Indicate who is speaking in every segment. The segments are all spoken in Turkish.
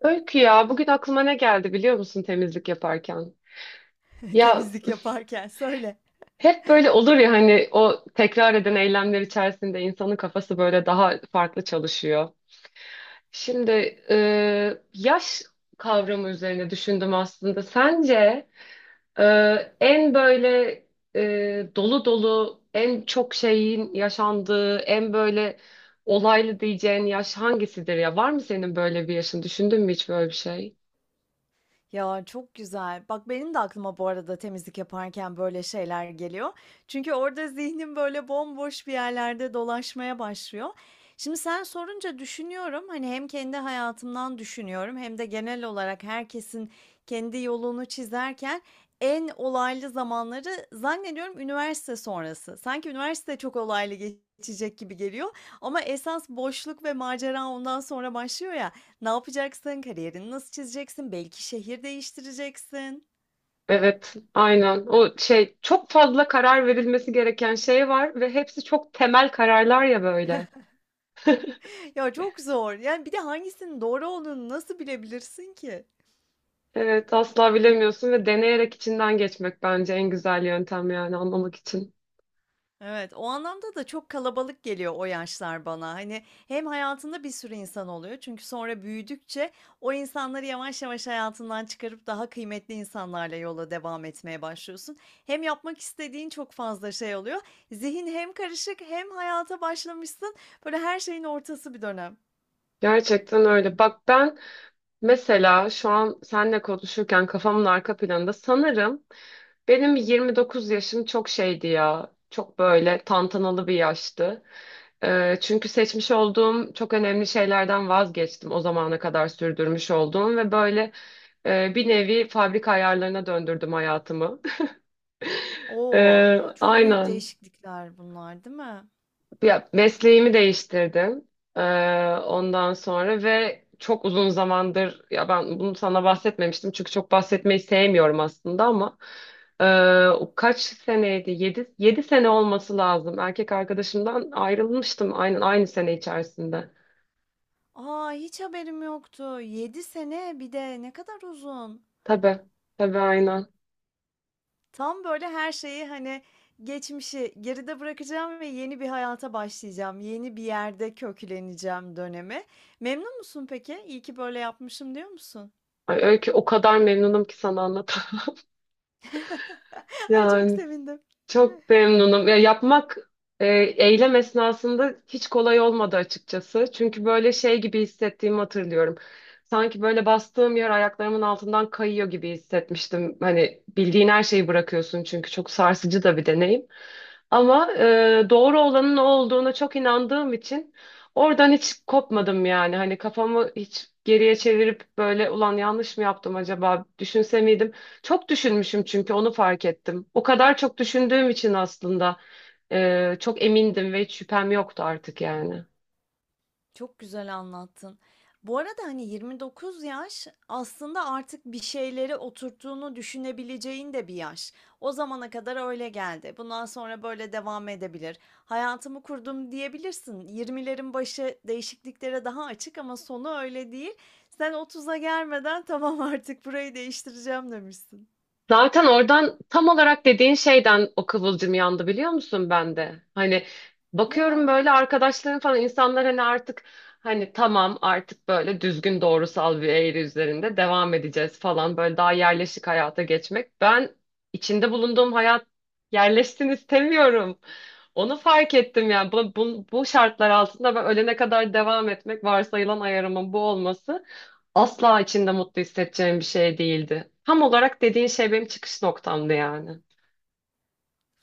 Speaker 1: Öykü ya bugün aklıma ne geldi biliyor musun temizlik yaparken? Ya
Speaker 2: Temizlik yaparken söyle.
Speaker 1: hep böyle olur ya hani o tekrar eden eylemler içerisinde insanın kafası böyle daha farklı çalışıyor. Şimdi e, yaş kavramı üzerine düşündüm aslında. Sence e, en böyle dolu dolu en çok şeyin yaşandığı en böyle olaylı diyeceğin yaş hangisidir ya? Var mı senin böyle bir yaşın? Düşündün mü hiç böyle bir şey?
Speaker 2: Ya çok güzel. Bak benim de aklıma bu arada temizlik yaparken böyle şeyler geliyor. Çünkü orada zihnim böyle bomboş bir yerlerde dolaşmaya başlıyor. Şimdi sen sorunca düşünüyorum. Hani hem kendi hayatımdan düşünüyorum hem de genel olarak herkesin kendi yolunu çizerken en olaylı zamanları zannediyorum üniversite sonrası. Sanki üniversite çok olaylı geçecek gibi geliyor ama esas boşluk ve macera ondan sonra başlıyor ya. Ne yapacaksın? Kariyerini nasıl çizeceksin? Belki şehir değiştireceksin.
Speaker 1: Evet, aynen. O şey çok fazla karar verilmesi gereken şey var ve hepsi çok temel kararlar ya böyle.
Speaker 2: Ya çok zor. Yani bir de hangisinin doğru olduğunu nasıl bilebilirsin ki?
Speaker 1: Evet, asla bilemiyorsun ve deneyerek içinden geçmek bence en güzel yöntem yani anlamak için.
Speaker 2: Evet, o anlamda da çok kalabalık geliyor o yaşlar bana. Hani hem hayatında bir sürü insan oluyor çünkü sonra büyüdükçe o insanları yavaş yavaş hayatından çıkarıp daha kıymetli insanlarla yola devam etmeye başlıyorsun. Hem yapmak istediğin çok fazla şey oluyor. Zihin hem karışık hem hayata başlamışsın. Böyle her şeyin ortası bir dönem.
Speaker 1: Gerçekten öyle. Bak ben mesela şu an seninle konuşurken kafamın arka planında sanırım, benim 29 yaşım çok şeydi ya. Çok böyle tantanalı bir yaştı. Çünkü seçmiş olduğum çok önemli şeylerden vazgeçtim. O zamana kadar sürdürmüş olduğum ve böyle bir nevi fabrika ayarlarına döndürdüm hayatımı.
Speaker 2: Oo, çok büyük
Speaker 1: Aynen.
Speaker 2: değişiklikler bunlar, değil mi?
Speaker 1: Ya mesleğimi değiştirdim. Ee, Ondan sonra ve çok uzun zamandır ya ben bunu sana bahsetmemiştim çünkü çok bahsetmeyi sevmiyorum aslında ama o kaç seneydi? Yedi sene olması lazım. Erkek arkadaşımdan ayrılmıştım aynen aynı sene içerisinde.
Speaker 2: Aa, hiç haberim yoktu. 7 sene bir de ne kadar uzun.
Speaker 1: Tabii. Tabii aynen.
Speaker 2: Tam böyle her şeyi hani geçmişi geride bırakacağım ve yeni bir hayata başlayacağım. Yeni bir yerde kökleneceğim dönemi. Memnun musun peki? İyi ki böyle yapmışım diyor musun?
Speaker 1: Ay, öyle ki o kadar memnunum ki sana anlatamam.
Speaker 2: Ay çok
Speaker 1: Yani
Speaker 2: sevindim.
Speaker 1: Çok memnunum. Ya e, eylem esnasında hiç kolay olmadı açıkçası. Çünkü böyle şey gibi hissettiğimi hatırlıyorum. Sanki böyle bastığım yer ayaklarımın altından kayıyor gibi hissetmiştim. Hani bildiğin her şeyi bırakıyorsun çünkü çok sarsıcı da bir deneyim. Ama doğru olanın o olduğuna çok inandığım için oradan hiç kopmadım yani. Hani kafamı hiç geriye çevirip böyle ulan yanlış mı yaptım acaba düşünse miydim? Çok düşünmüşüm çünkü onu fark ettim. O kadar çok düşündüğüm için aslında çok emindim ve hiç şüphem yoktu artık yani.
Speaker 2: Çok güzel anlattın. Bu arada, hani, 29 yaş aslında artık bir şeyleri oturttuğunu düşünebileceğin de bir yaş. O zamana kadar öyle geldi. Bundan sonra böyle devam edebilir. Hayatımı kurdum diyebilirsin. Yirmilerin başı değişikliklere daha açık ama sonu öyle değil. Sen otuz'a gelmeden tamam artık burayı değiştireceğim demişsin.
Speaker 1: Zaten oradan tam olarak dediğin şeyden o kıvılcım yandı biliyor musun ben de? Hani bakıyorum
Speaker 2: Ya.
Speaker 1: böyle arkadaşlarım falan insanlar hani artık hani tamam artık böyle düzgün doğrusal bir eğri üzerinde devam edeceğiz falan böyle daha yerleşik hayata geçmek. Ben içinde bulunduğum hayat yerleşsin istemiyorum. Onu fark ettim yani bu şartlar altında ben ölene kadar devam etmek varsayılan ayarımın bu olması. Asla içinde mutlu hissedeceğim bir şey değildi. Tam olarak dediğin şey benim çıkış noktamdı yani.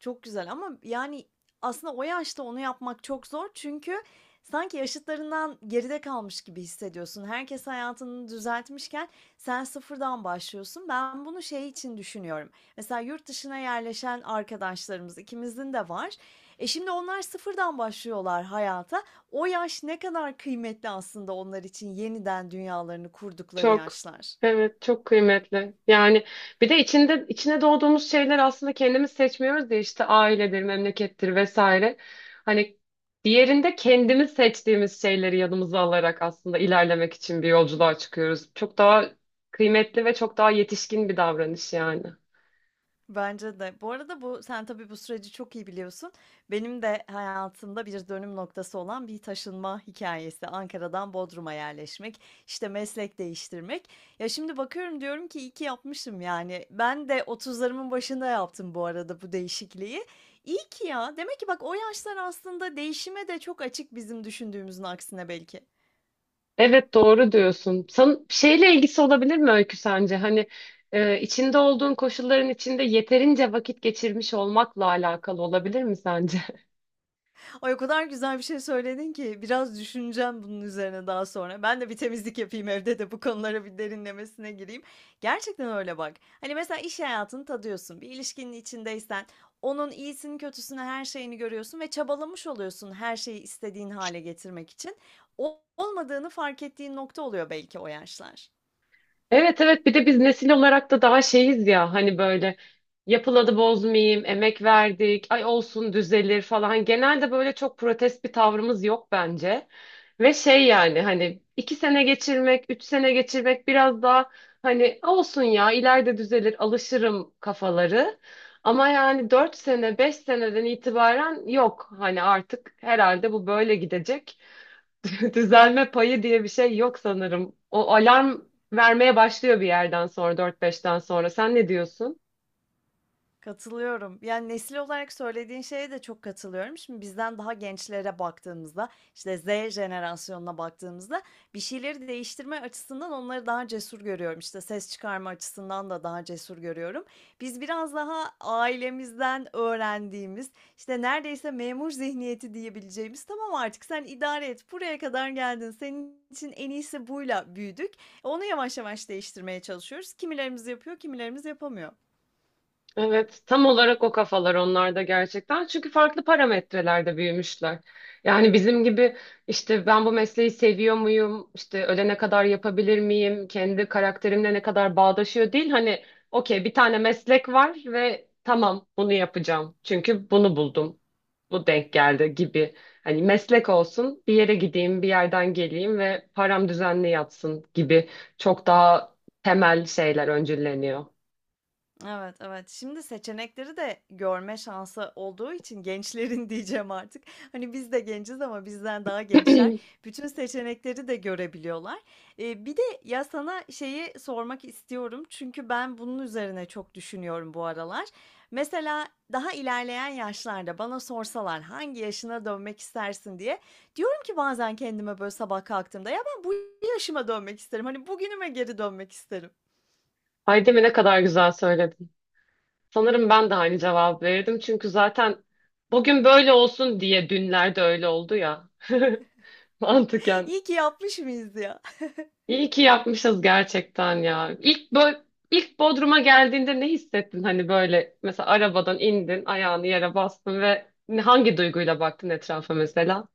Speaker 2: Çok güzel ama yani aslında o yaşta onu yapmak çok zor. Çünkü sanki yaşıtlarından geride kalmış gibi hissediyorsun. Herkes hayatını düzeltmişken sen sıfırdan başlıyorsun. Ben bunu şey için düşünüyorum. Mesela yurt dışına yerleşen arkadaşlarımız ikimizin de var. E şimdi onlar sıfırdan başlıyorlar hayata. O yaş ne kadar kıymetli aslında onlar için yeniden dünyalarını kurdukları
Speaker 1: Çok.
Speaker 2: yaşlar.
Speaker 1: Evet, çok kıymetli. Yani bir de içinde içine doğduğumuz şeyler aslında kendimiz seçmiyoruz ya işte ailedir, memlekettir vesaire. Hani diğerinde kendimiz seçtiğimiz şeyleri yanımıza alarak aslında ilerlemek için bir yolculuğa çıkıyoruz. Çok daha kıymetli ve çok daha yetişkin bir davranış yani.
Speaker 2: Bence de. Bu arada bu sen tabii bu süreci çok iyi biliyorsun. Benim de hayatımda bir dönüm noktası olan bir taşınma hikayesi. Ankara'dan Bodrum'a yerleşmek, işte meslek değiştirmek. Ya şimdi bakıyorum diyorum ki iyi ki yapmışım yani. Ben de otuzlarımın başında yaptım bu arada bu değişikliği. İyi ki ya. Demek ki bak o yaşlar aslında değişime de çok açık bizim düşündüğümüzün aksine belki.
Speaker 1: Evet doğru diyorsun. San şeyle ilgisi olabilir mi Öykü sence? Hani içinde olduğun koşulların içinde yeterince vakit geçirmiş olmakla alakalı olabilir mi sence?
Speaker 2: Ay, o kadar güzel bir şey söyledin ki biraz düşüneceğim bunun üzerine daha sonra. Ben de bir temizlik yapayım evde de bu konulara bir derinlemesine gireyim. Gerçekten öyle bak. Hani mesela iş hayatını tadıyorsun. Bir ilişkinin içindeysen onun iyisini, kötüsünü, her şeyini görüyorsun ve çabalamış oluyorsun her şeyi istediğin hale getirmek için. Olmadığını fark ettiğin nokta oluyor belki o yaşlar.
Speaker 1: Evet evet bir de biz nesil olarak da daha şeyiz ya hani böyle yapıladı bozmayayım, emek verdik, ay olsun düzelir falan. Genelde böyle çok protest bir tavrımız yok bence. Ve şey yani hani 2 sene geçirmek, 3 sene geçirmek biraz daha hani olsun ya ileride düzelir alışırım kafaları. Ama yani 4 sene, 5 seneden itibaren yok hani artık herhalde bu böyle gidecek. Düzelme payı diye bir şey yok sanırım. O alarm vermeye başlıyor bir yerden sonra, dört beşten sonra. Sen ne diyorsun?
Speaker 2: Katılıyorum. Yani nesil olarak söylediğin şeye de çok katılıyorum. Şimdi bizden daha gençlere baktığımızda, işte Z jenerasyonuna baktığımızda bir şeyleri değiştirme açısından onları daha cesur görüyorum. İşte ses çıkarma açısından da daha cesur görüyorum. Biz biraz daha ailemizden öğrendiğimiz, işte neredeyse memur zihniyeti diyebileceğimiz, tamam artık sen idare et, buraya kadar geldin, senin için en iyisi buyla büyüdük. Onu yavaş yavaş değiştirmeye çalışıyoruz. Kimilerimiz yapıyor, kimilerimiz yapamıyor.
Speaker 1: Evet, tam olarak o kafalar onlarda gerçekten. Çünkü farklı parametrelerde büyümüşler. Yani bizim gibi işte ben bu mesleği seviyor muyum? İşte ölene kadar yapabilir miyim? Kendi karakterimle ne kadar bağdaşıyor değil. Hani okey bir tane meslek var ve tamam bunu yapacağım. Çünkü bunu buldum. Bu denk geldi gibi. Hani meslek olsun, bir yere gideyim, bir yerden geleyim ve param düzenli yatsın gibi çok daha temel şeyler öncülleniyor.
Speaker 2: Evet, evet. Şimdi seçenekleri de görme şansı olduğu için gençlerin diyeceğim artık. Hani biz de genciz ama bizden daha gençler bütün seçenekleri de görebiliyorlar. Bir de ya sana şeyi sormak istiyorum çünkü ben bunun üzerine çok düşünüyorum bu aralar. Mesela daha ilerleyen yaşlarda bana sorsalar hangi yaşına dönmek istersin diye diyorum ki bazen kendime böyle sabah kalktığımda ya ben bu yaşıma dönmek isterim. Hani bugünüme geri dönmek isterim.
Speaker 1: Ay değil mi ne kadar güzel söyledin. Sanırım ben de aynı cevap verirdim. Çünkü zaten bugün böyle olsun diye dünlerde öyle oldu ya. Mantıken.
Speaker 2: İyi ki yapmış mıyız ya?
Speaker 1: İyi ki yapmışız gerçekten ya. İlk, ilk Bodrum'a geldiğinde ne hissettin? Hani böyle mesela arabadan indin, ayağını yere bastın ve hangi duyguyla baktın etrafa mesela?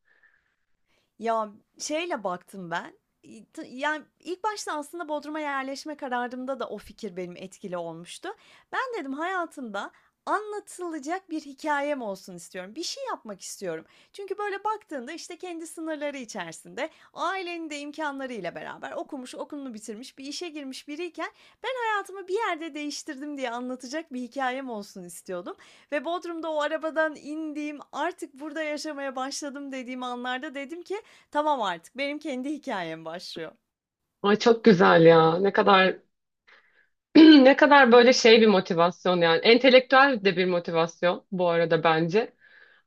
Speaker 2: Ya, şeyle baktım ben, iii, tı yani, ilk başta aslında Bodrum'a yerleşme kararımda da o fikir benim etkili olmuştu. Ben dedim hayatımda anlatılacak bir hikâyem olsun istiyorum. Bir şey yapmak istiyorum. Çünkü böyle baktığında, işte, kendi sınırları içerisinde, ailenin de imkânlarıyla beraber okumuş, okulunu bitirmiş, bir işe girmiş biriyken ben hayatımı bir yerde değiştirdim diye anlatacak bir hikâyem olsun istiyordum ve Bodrum'da o arabadan indiğim, artık burada yaşamaya başladım dediğim anlarda dedim ki tamam artık benim kendi hikayem başlıyor.
Speaker 1: Ay çok güzel ya. Ne kadar Ne kadar böyle şey bir motivasyon yani. Entelektüel de bir motivasyon bu arada bence.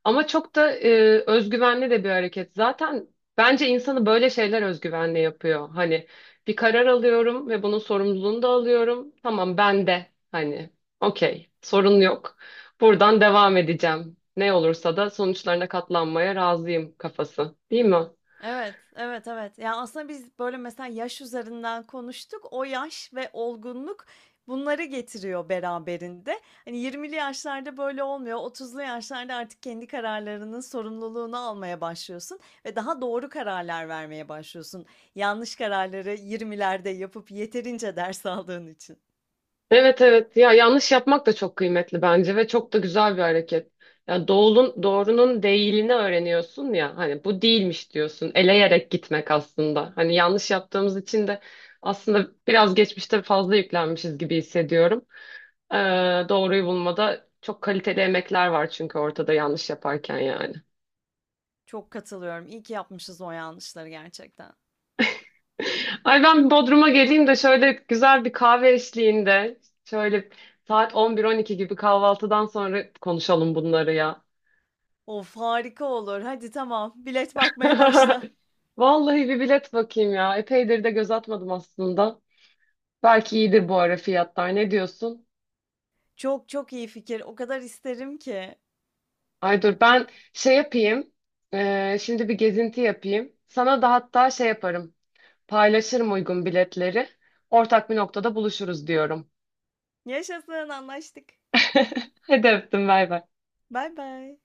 Speaker 1: Ama çok da özgüvenli de bir hareket. Zaten bence insanı böyle şeyler özgüvenli yapıyor. Hani bir karar alıyorum ve bunun sorumluluğunu da alıyorum. Tamam ben de hani okey sorun yok. Buradan devam edeceğim. Ne olursa da sonuçlarına katlanmaya razıyım kafası. Değil mi?
Speaker 2: Evet, evet, evet. Ya, aslında biz böyle mesela yaş üzerinden konuştuk. O yaş ve olgunluk bunları getiriyor beraberinde. Hani 20'li yaşlarda böyle olmuyor. 30'lu yaşlarda artık kendi kararlarının sorumluluğunu almaya başlıyorsun ve daha doğru kararlar vermeye başlıyorsun. Yanlış kararları yirmilerde yapıp yeterince ders aldığın için.
Speaker 1: Evet evet ya yanlış yapmak da çok kıymetli bence ve çok da güzel bir hareket. Ya doğulun, doğrunun değilini öğreniyorsun ya hani bu değilmiş diyorsun eleyerek gitmek aslında. Hani yanlış yaptığımız için de aslında biraz geçmişte fazla yüklenmişiz gibi hissediyorum. Ee, Doğruyu bulmada çok kaliteli emekler var çünkü ortada yanlış yaparken yani.
Speaker 2: Çok katılıyorum. İyi ki yapmışız o yanlışları gerçekten.
Speaker 1: Ay ben Bodrum'a geleyim de şöyle güzel bir kahve eşliğinde şöyle saat 11-12 gibi kahvaltıdan sonra konuşalım bunları ya.
Speaker 2: Of, harika olur. Hadi tamam, bilet bakmaya başla.
Speaker 1: Vallahi bir bilet bakayım ya. Epeydir de göz atmadım aslında. Belki iyidir bu ara fiyatlar. Ne diyorsun?
Speaker 2: Çok çok iyi fikir. O kadar isterim ki.
Speaker 1: Ay dur ben şey yapayım. Şimdi bir gezinti yapayım. Sana da hatta şey yaparım. Paylaşırım uygun biletleri. Ortak bir noktada buluşuruz diyorum.
Speaker 2: Yaşasın, anlaştık.
Speaker 1: Hadi öptüm bay bay.
Speaker 2: Bay bay.